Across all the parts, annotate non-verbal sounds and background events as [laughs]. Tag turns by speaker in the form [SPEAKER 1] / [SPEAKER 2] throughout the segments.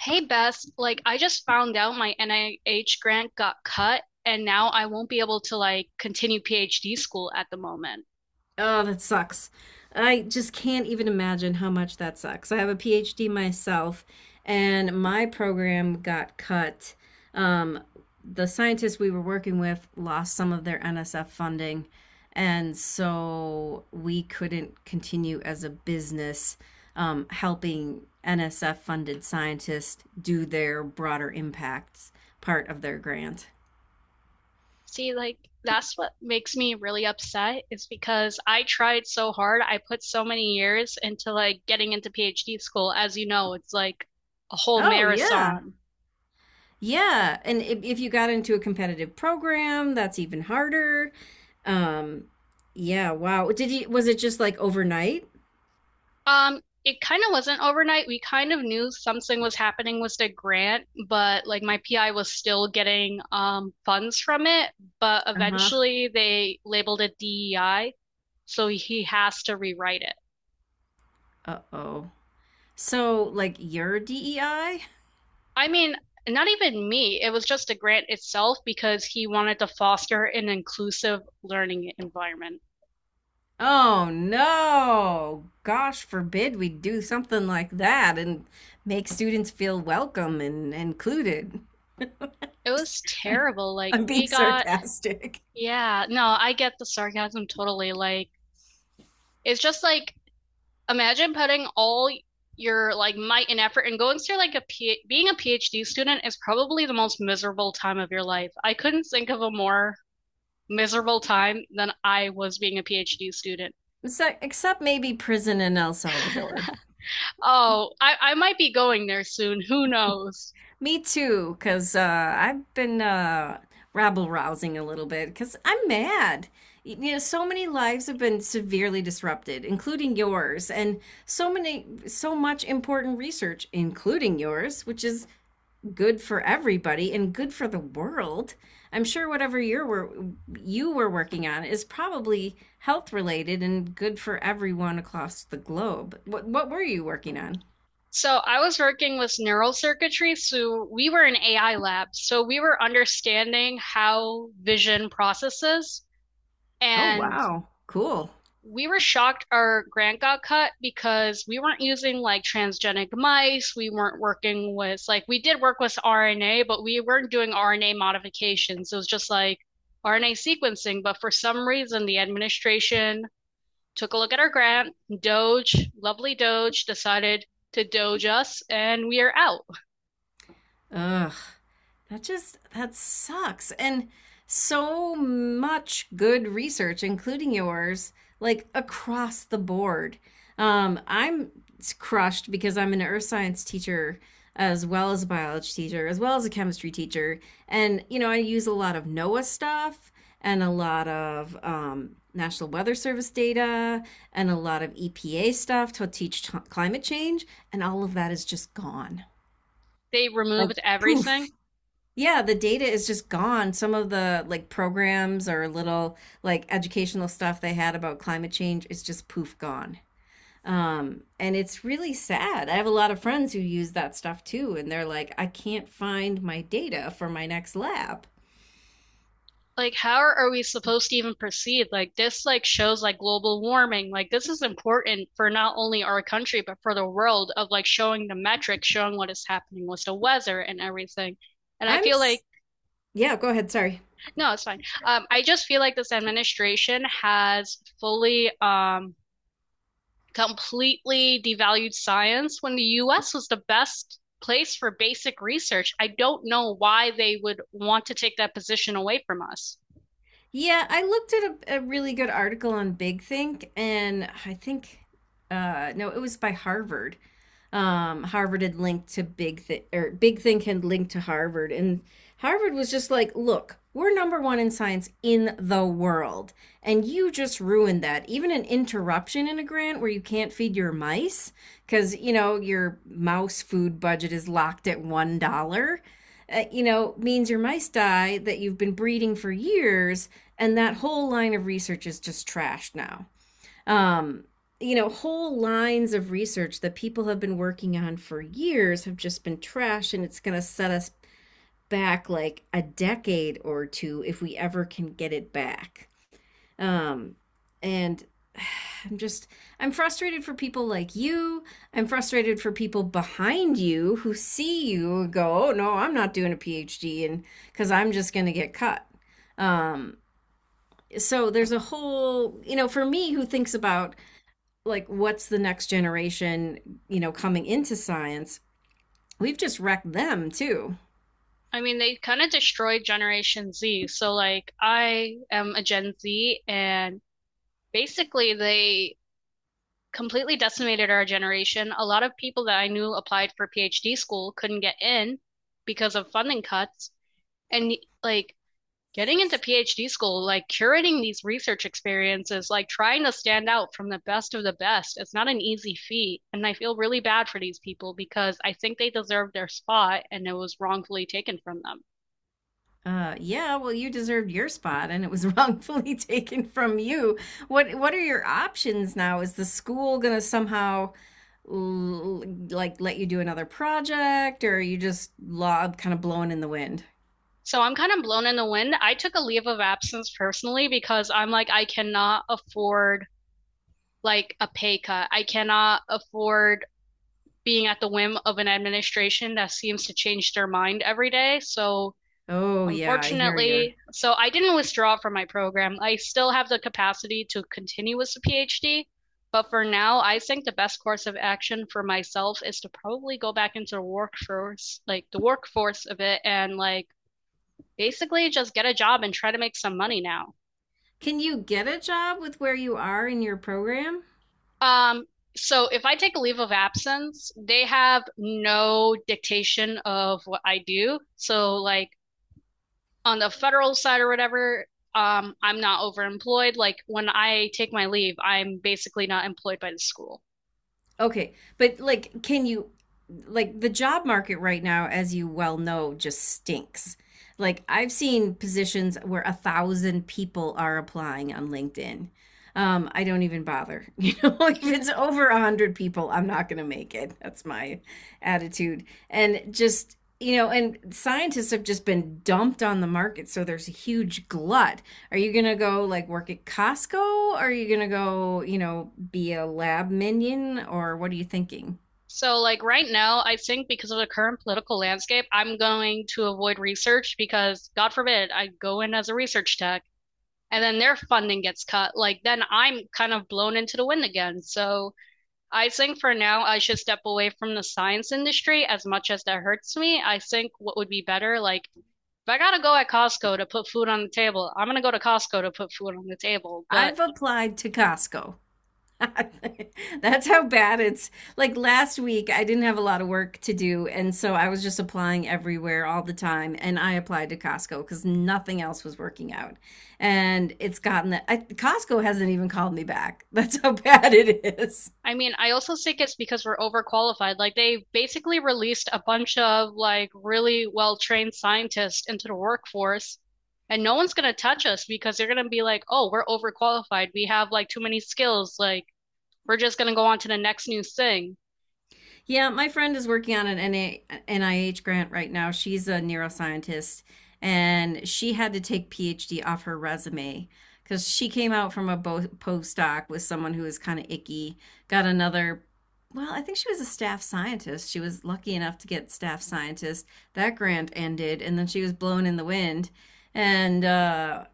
[SPEAKER 1] Hey Beth, I just found out my NIH grant got cut, and now I won't be able to continue PhD school at the moment.
[SPEAKER 2] Oh, that sucks. I just can't even imagine how much that sucks. I have a PhD myself, and my program got cut. Um, the scientists we were working with lost some of their NSF funding, and so we couldn't continue as a business helping NSF funded scientists do their broader impacts part of their grant.
[SPEAKER 1] See, like, that's what makes me really upset is because I tried so hard. I put so many years into getting into PhD school. As you know, it's like a whole
[SPEAKER 2] Oh, yeah.
[SPEAKER 1] marathon.
[SPEAKER 2] Yeah, and if you got into a competitive program, that's even harder. Um, yeah, wow. Did you, was it just like overnight?
[SPEAKER 1] It kind of wasn't overnight. We kind of knew something was happening with the grant, but like my PI was still getting funds from it, but
[SPEAKER 2] Uh-huh.
[SPEAKER 1] eventually they labeled it DEI, so he has to rewrite it.
[SPEAKER 2] Uh-oh. So like your DEI?
[SPEAKER 1] I mean, not even me. It was just the grant itself because he wanted to foster an inclusive learning environment.
[SPEAKER 2] Oh no. Gosh forbid we do something like that and make students feel welcome and included.
[SPEAKER 1] It was terrible. Like,
[SPEAKER 2] I'm being sarcastic.
[SPEAKER 1] yeah, no, I get the sarcasm totally. Like, it's just like, imagine putting all your like might and effort and going through like a P being a PhD student is probably the most miserable time of your life. I couldn't think of a more miserable time than I was being a PhD student.
[SPEAKER 2] So, except maybe prison in El Salvador.
[SPEAKER 1] Oh, I might be going there soon. Who knows?
[SPEAKER 2] Me too, because I've been rabble rousing a little bit because I'm mad. You know, so many lives have been severely disrupted, including yours, and so many, so much important research, including yours, which is good for everybody and good for the world. I'm sure whatever you were working on is probably health related and good for everyone across the globe. What were you working on?
[SPEAKER 1] So I was working with neural circuitry, so we were in AI lab. So we were understanding how vision processes,
[SPEAKER 2] Oh,
[SPEAKER 1] and
[SPEAKER 2] wow. Cool.
[SPEAKER 1] we were shocked our grant got cut because we weren't using like transgenic mice. We weren't working with like we did work with RNA, but we weren't doing RNA modifications. It was just like RNA sequencing. But for some reason, the administration took a look at our grant. Doge, lovely Doge, decided to Doge us, and we are out.
[SPEAKER 2] Ugh. That just that sucks. And so much good research, including yours, like across the board. I'm crushed because I'm an earth science teacher as well as a biology teacher, as well as a chemistry teacher. And, you know, I use a lot of NOAA stuff and a lot of National Weather Service data and a lot of EPA stuff to teach climate change. And all of that is just gone.
[SPEAKER 1] They
[SPEAKER 2] Like,
[SPEAKER 1] removed
[SPEAKER 2] poof.
[SPEAKER 1] everything.
[SPEAKER 2] Yeah, the data is just gone. Some of the like programs or little like educational stuff they had about climate change is just poof gone. And it's really sad. I have a lot of friends who use that stuff too, and they're like, I can't find my data for my next lab.
[SPEAKER 1] Like, how are we supposed to even proceed? Like, this like shows like global warming. Like, this is important for not only our country but for the world of like showing the metrics, showing what is happening with the weather and everything. And I
[SPEAKER 2] I'm,
[SPEAKER 1] feel
[SPEAKER 2] s-
[SPEAKER 1] like
[SPEAKER 2] yeah, go ahead. Sorry.
[SPEAKER 1] no, it's fine. I just feel like this administration has fully, completely devalued science when the U.S. was the best place for basic research. I don't know why they would want to take that position away from us.
[SPEAKER 2] Yeah, I looked at a really good article on Big Think, and I think, no, it was by Harvard Harvard had linked to Big Thing, or Big Thing had linked to Harvard. And Harvard was just like, look, we're number one in science in the world. And you just ruined that. Even an interruption in a grant where you can't feed your mice because, you know, your mouse food budget is locked at $1. You know, means your mice die that you've been breeding for years, and that whole line of research is just trashed now. Um, you know, whole lines of research that people have been working on for years have just been trash, and it's going to set us back like a decade or two if we ever can get it back. Um, and [sighs] I'm just, I'm frustrated for people like you. I'm frustrated for people behind you who see you and go, oh, no, I'm not doing a PhD and because I'm just going to get cut. Um, so there's a whole, you know, for me who thinks about like what's the next generation, you know, coming into science, we've just wrecked them too.
[SPEAKER 1] I mean, they kind of destroyed Generation Z. So, like, I am a Gen Z, and basically, they completely decimated our generation. A lot of people that I knew applied for PhD school couldn't get in because of funding cuts. And, like, getting into PhD school, like, curating these research experiences, like, trying to stand out from the best of the best, it's not an easy feat. And I feel really bad for these people because I think they deserve their spot, and it was wrongfully taken from them.
[SPEAKER 2] Yeah, well, you deserved your spot, and it was wrongfully [laughs] taken from you. What are your options now? Is the school gonna somehow l- like let you do another project, or are you just lob kind of blowing in the wind?
[SPEAKER 1] So I'm kind of blown in the wind. I took a leave of absence personally because I'm like, I cannot afford like a pay cut. I cannot afford being at the whim of an administration that seems to change their mind every day. So
[SPEAKER 2] Oh yeah, I hear you.
[SPEAKER 1] unfortunately, so I didn't withdraw from my program. I still have the capacity to continue with the PhD, but for now, I think the best course of action for myself is to probably go back into the workforce, like the workforce of it, and like basically just get a job and try to make some money now.
[SPEAKER 2] Can you get a job with where you are in your program?
[SPEAKER 1] Um, so if I take a leave of absence, they have no dictation of what I do. So like on the federal side or whatever, I'm not overemployed. Like when I take my leave, I'm basically not employed by the school.
[SPEAKER 2] Okay, but like, can you, like, the job market right now, as you well know, just stinks. Like, I've seen positions where a thousand people are applying on LinkedIn. I don't even bother. [laughs] You know, if it's over a hundred people, I'm not going to make it. That's my attitude. And just, you know, and scientists have just been dumped on the market, so there's a huge glut. Are you gonna go like work at Costco? Are you gonna go, you know, be a lab minion? Or what are you thinking?
[SPEAKER 1] So like right now, I think because of the current political landscape, I'm going to avoid research because God forbid I go in as a research tech and then their funding gets cut, like then I'm kind of blown into the wind again. So I think for now I should step away from the science industry as much as that hurts me. I think what would be better, like if I gotta go at Costco to put food on the table, I'm gonna go to Costco to put food on the table. But
[SPEAKER 2] I've applied to Costco. [laughs] That's how bad it's like last week I didn't have a lot of work to do and so I was just applying everywhere all the time and I applied to Costco because nothing else was working out. And it's gotten that I, Costco hasn't even called me back. That's how [laughs] bad it is.
[SPEAKER 1] I mean, I also think it's because we're overqualified. Like they basically released a bunch of like really well-trained scientists into the workforce, and no one's gonna touch us because they're gonna be like, "Oh, we're overqualified. We have like too many skills. Like we're just gonna go on to the next new thing."
[SPEAKER 2] Yeah, my friend is working on an NIH grant right now. She's a neuroscientist and she had to take PhD off her resume because she came out from a postdoc with someone who was kind of icky, got another. Well, I think she was a staff scientist. She was lucky enough to get staff scientist. That grant ended, and then she was blown in the wind. And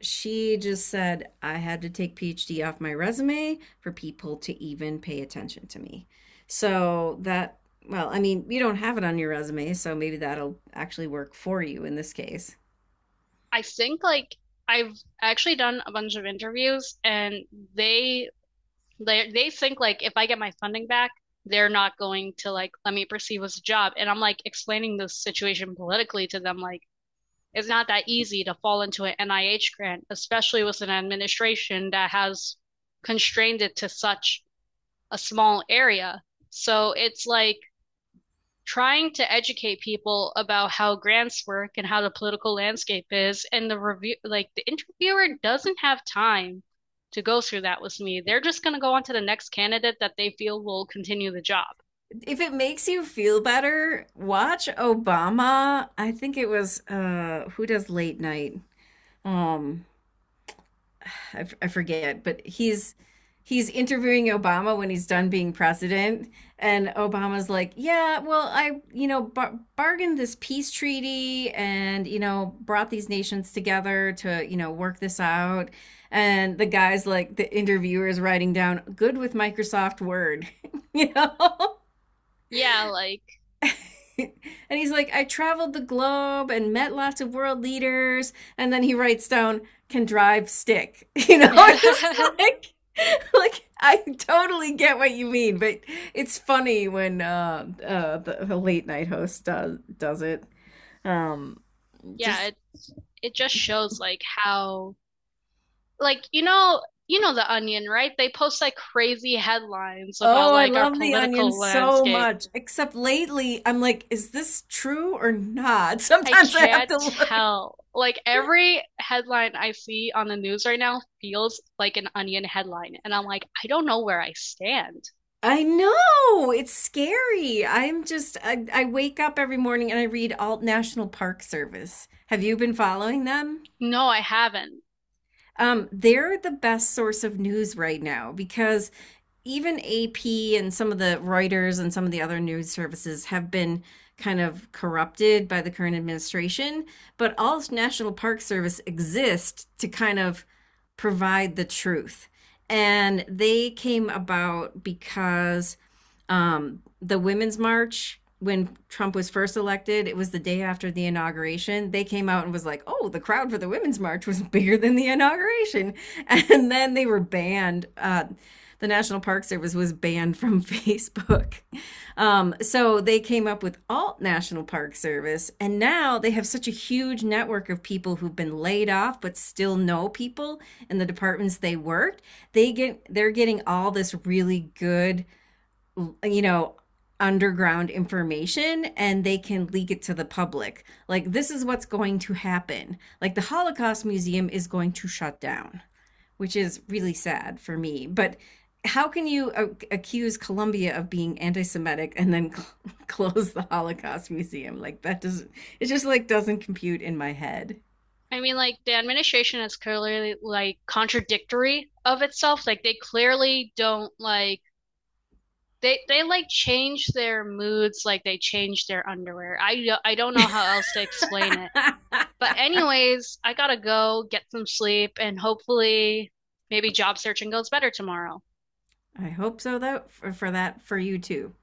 [SPEAKER 2] she just said, I had to take PhD off my resume for people to even pay attention to me. So that, well, I mean, you don't have it on your resume, so maybe that'll actually work for you in this case.
[SPEAKER 1] I think like I've actually done a bunch of interviews, and they they think like if I get my funding back, they're not going to like let me proceed with the job. And I'm like explaining this situation politically to them, like it's not that easy to fall into an NIH grant, especially with an administration that has constrained it to such a small area. So it's like trying to educate people about how grants work and how the political landscape is. And the review, like the interviewer doesn't have time to go through that with me. They're just going to go on to the next candidate that they feel will continue the job.
[SPEAKER 2] If it makes you feel better, watch Obama. I think it was who does late night? Um I forget, but he's interviewing Obama when he's done being president, and Obama's like, "Yeah, well, I you know bargained this peace treaty, and you know brought these nations together to you know work this out." And the guy's like, the interviewer is writing down, "Good with Microsoft Word," [laughs] you know. [laughs]
[SPEAKER 1] Yeah, like,
[SPEAKER 2] And he's like, I traveled the globe and met lots of world leaders. And then he writes down, can drive stick. You know, [laughs]
[SPEAKER 1] [laughs]
[SPEAKER 2] just like, [laughs] like I totally get what you mean, but it's funny when the late night host does it. Um,
[SPEAKER 1] yeah,
[SPEAKER 2] just
[SPEAKER 1] it just shows like how like you know the Onion, right? They post like crazy headlines about
[SPEAKER 2] Oh, I
[SPEAKER 1] like our
[SPEAKER 2] love the onion
[SPEAKER 1] political
[SPEAKER 2] so
[SPEAKER 1] landscape.
[SPEAKER 2] much. Except lately, I'm like, is this true or not? [laughs]
[SPEAKER 1] I
[SPEAKER 2] Sometimes I have
[SPEAKER 1] can't
[SPEAKER 2] to look.
[SPEAKER 1] tell. Like every headline I see on the news right now feels like an Onion headline, and I'm like, I don't know where I stand.
[SPEAKER 2] I know it's scary. I wake up every morning and I read Alt National Park Service. Have you been following them?
[SPEAKER 1] No, I haven't.
[SPEAKER 2] They're the best source of news right now because even AP and some of the Reuters and some of the other news services have been kind of corrupted by the current administration, but all National Park Service exists to kind of provide the truth. And they came about because the Women's March, when Trump was first elected, it was the day after the inauguration. They came out and was like, "Oh, the crowd for the Women's March was [laughs] bigger than the inauguration," [laughs] and then they were banned. The National Park Service was banned from [laughs] Facebook. So they came up with Alt National Park Service, and now they have such a huge network of people who've been laid off but still know people in the departments they worked. They're getting all this really good you know, underground information and they can leak it to the public. Like, this is what's going to happen. Like, the Holocaust Museum is going to shut down, which is really sad for me. But how can you accuse Colombia of being anti-Semitic and then [laughs] close the Holocaust Museum? Like that doesn't It just like doesn't compute in my head.
[SPEAKER 1] I mean, like the administration is clearly like contradictory of itself. Like they clearly don't like they like change their moods like they change their underwear. I don't know how else to explain it.
[SPEAKER 2] [laughs]
[SPEAKER 1] But
[SPEAKER 2] I
[SPEAKER 1] anyways, I gotta go get some sleep and hopefully maybe job searching goes better tomorrow.
[SPEAKER 2] hope so though for that for you too.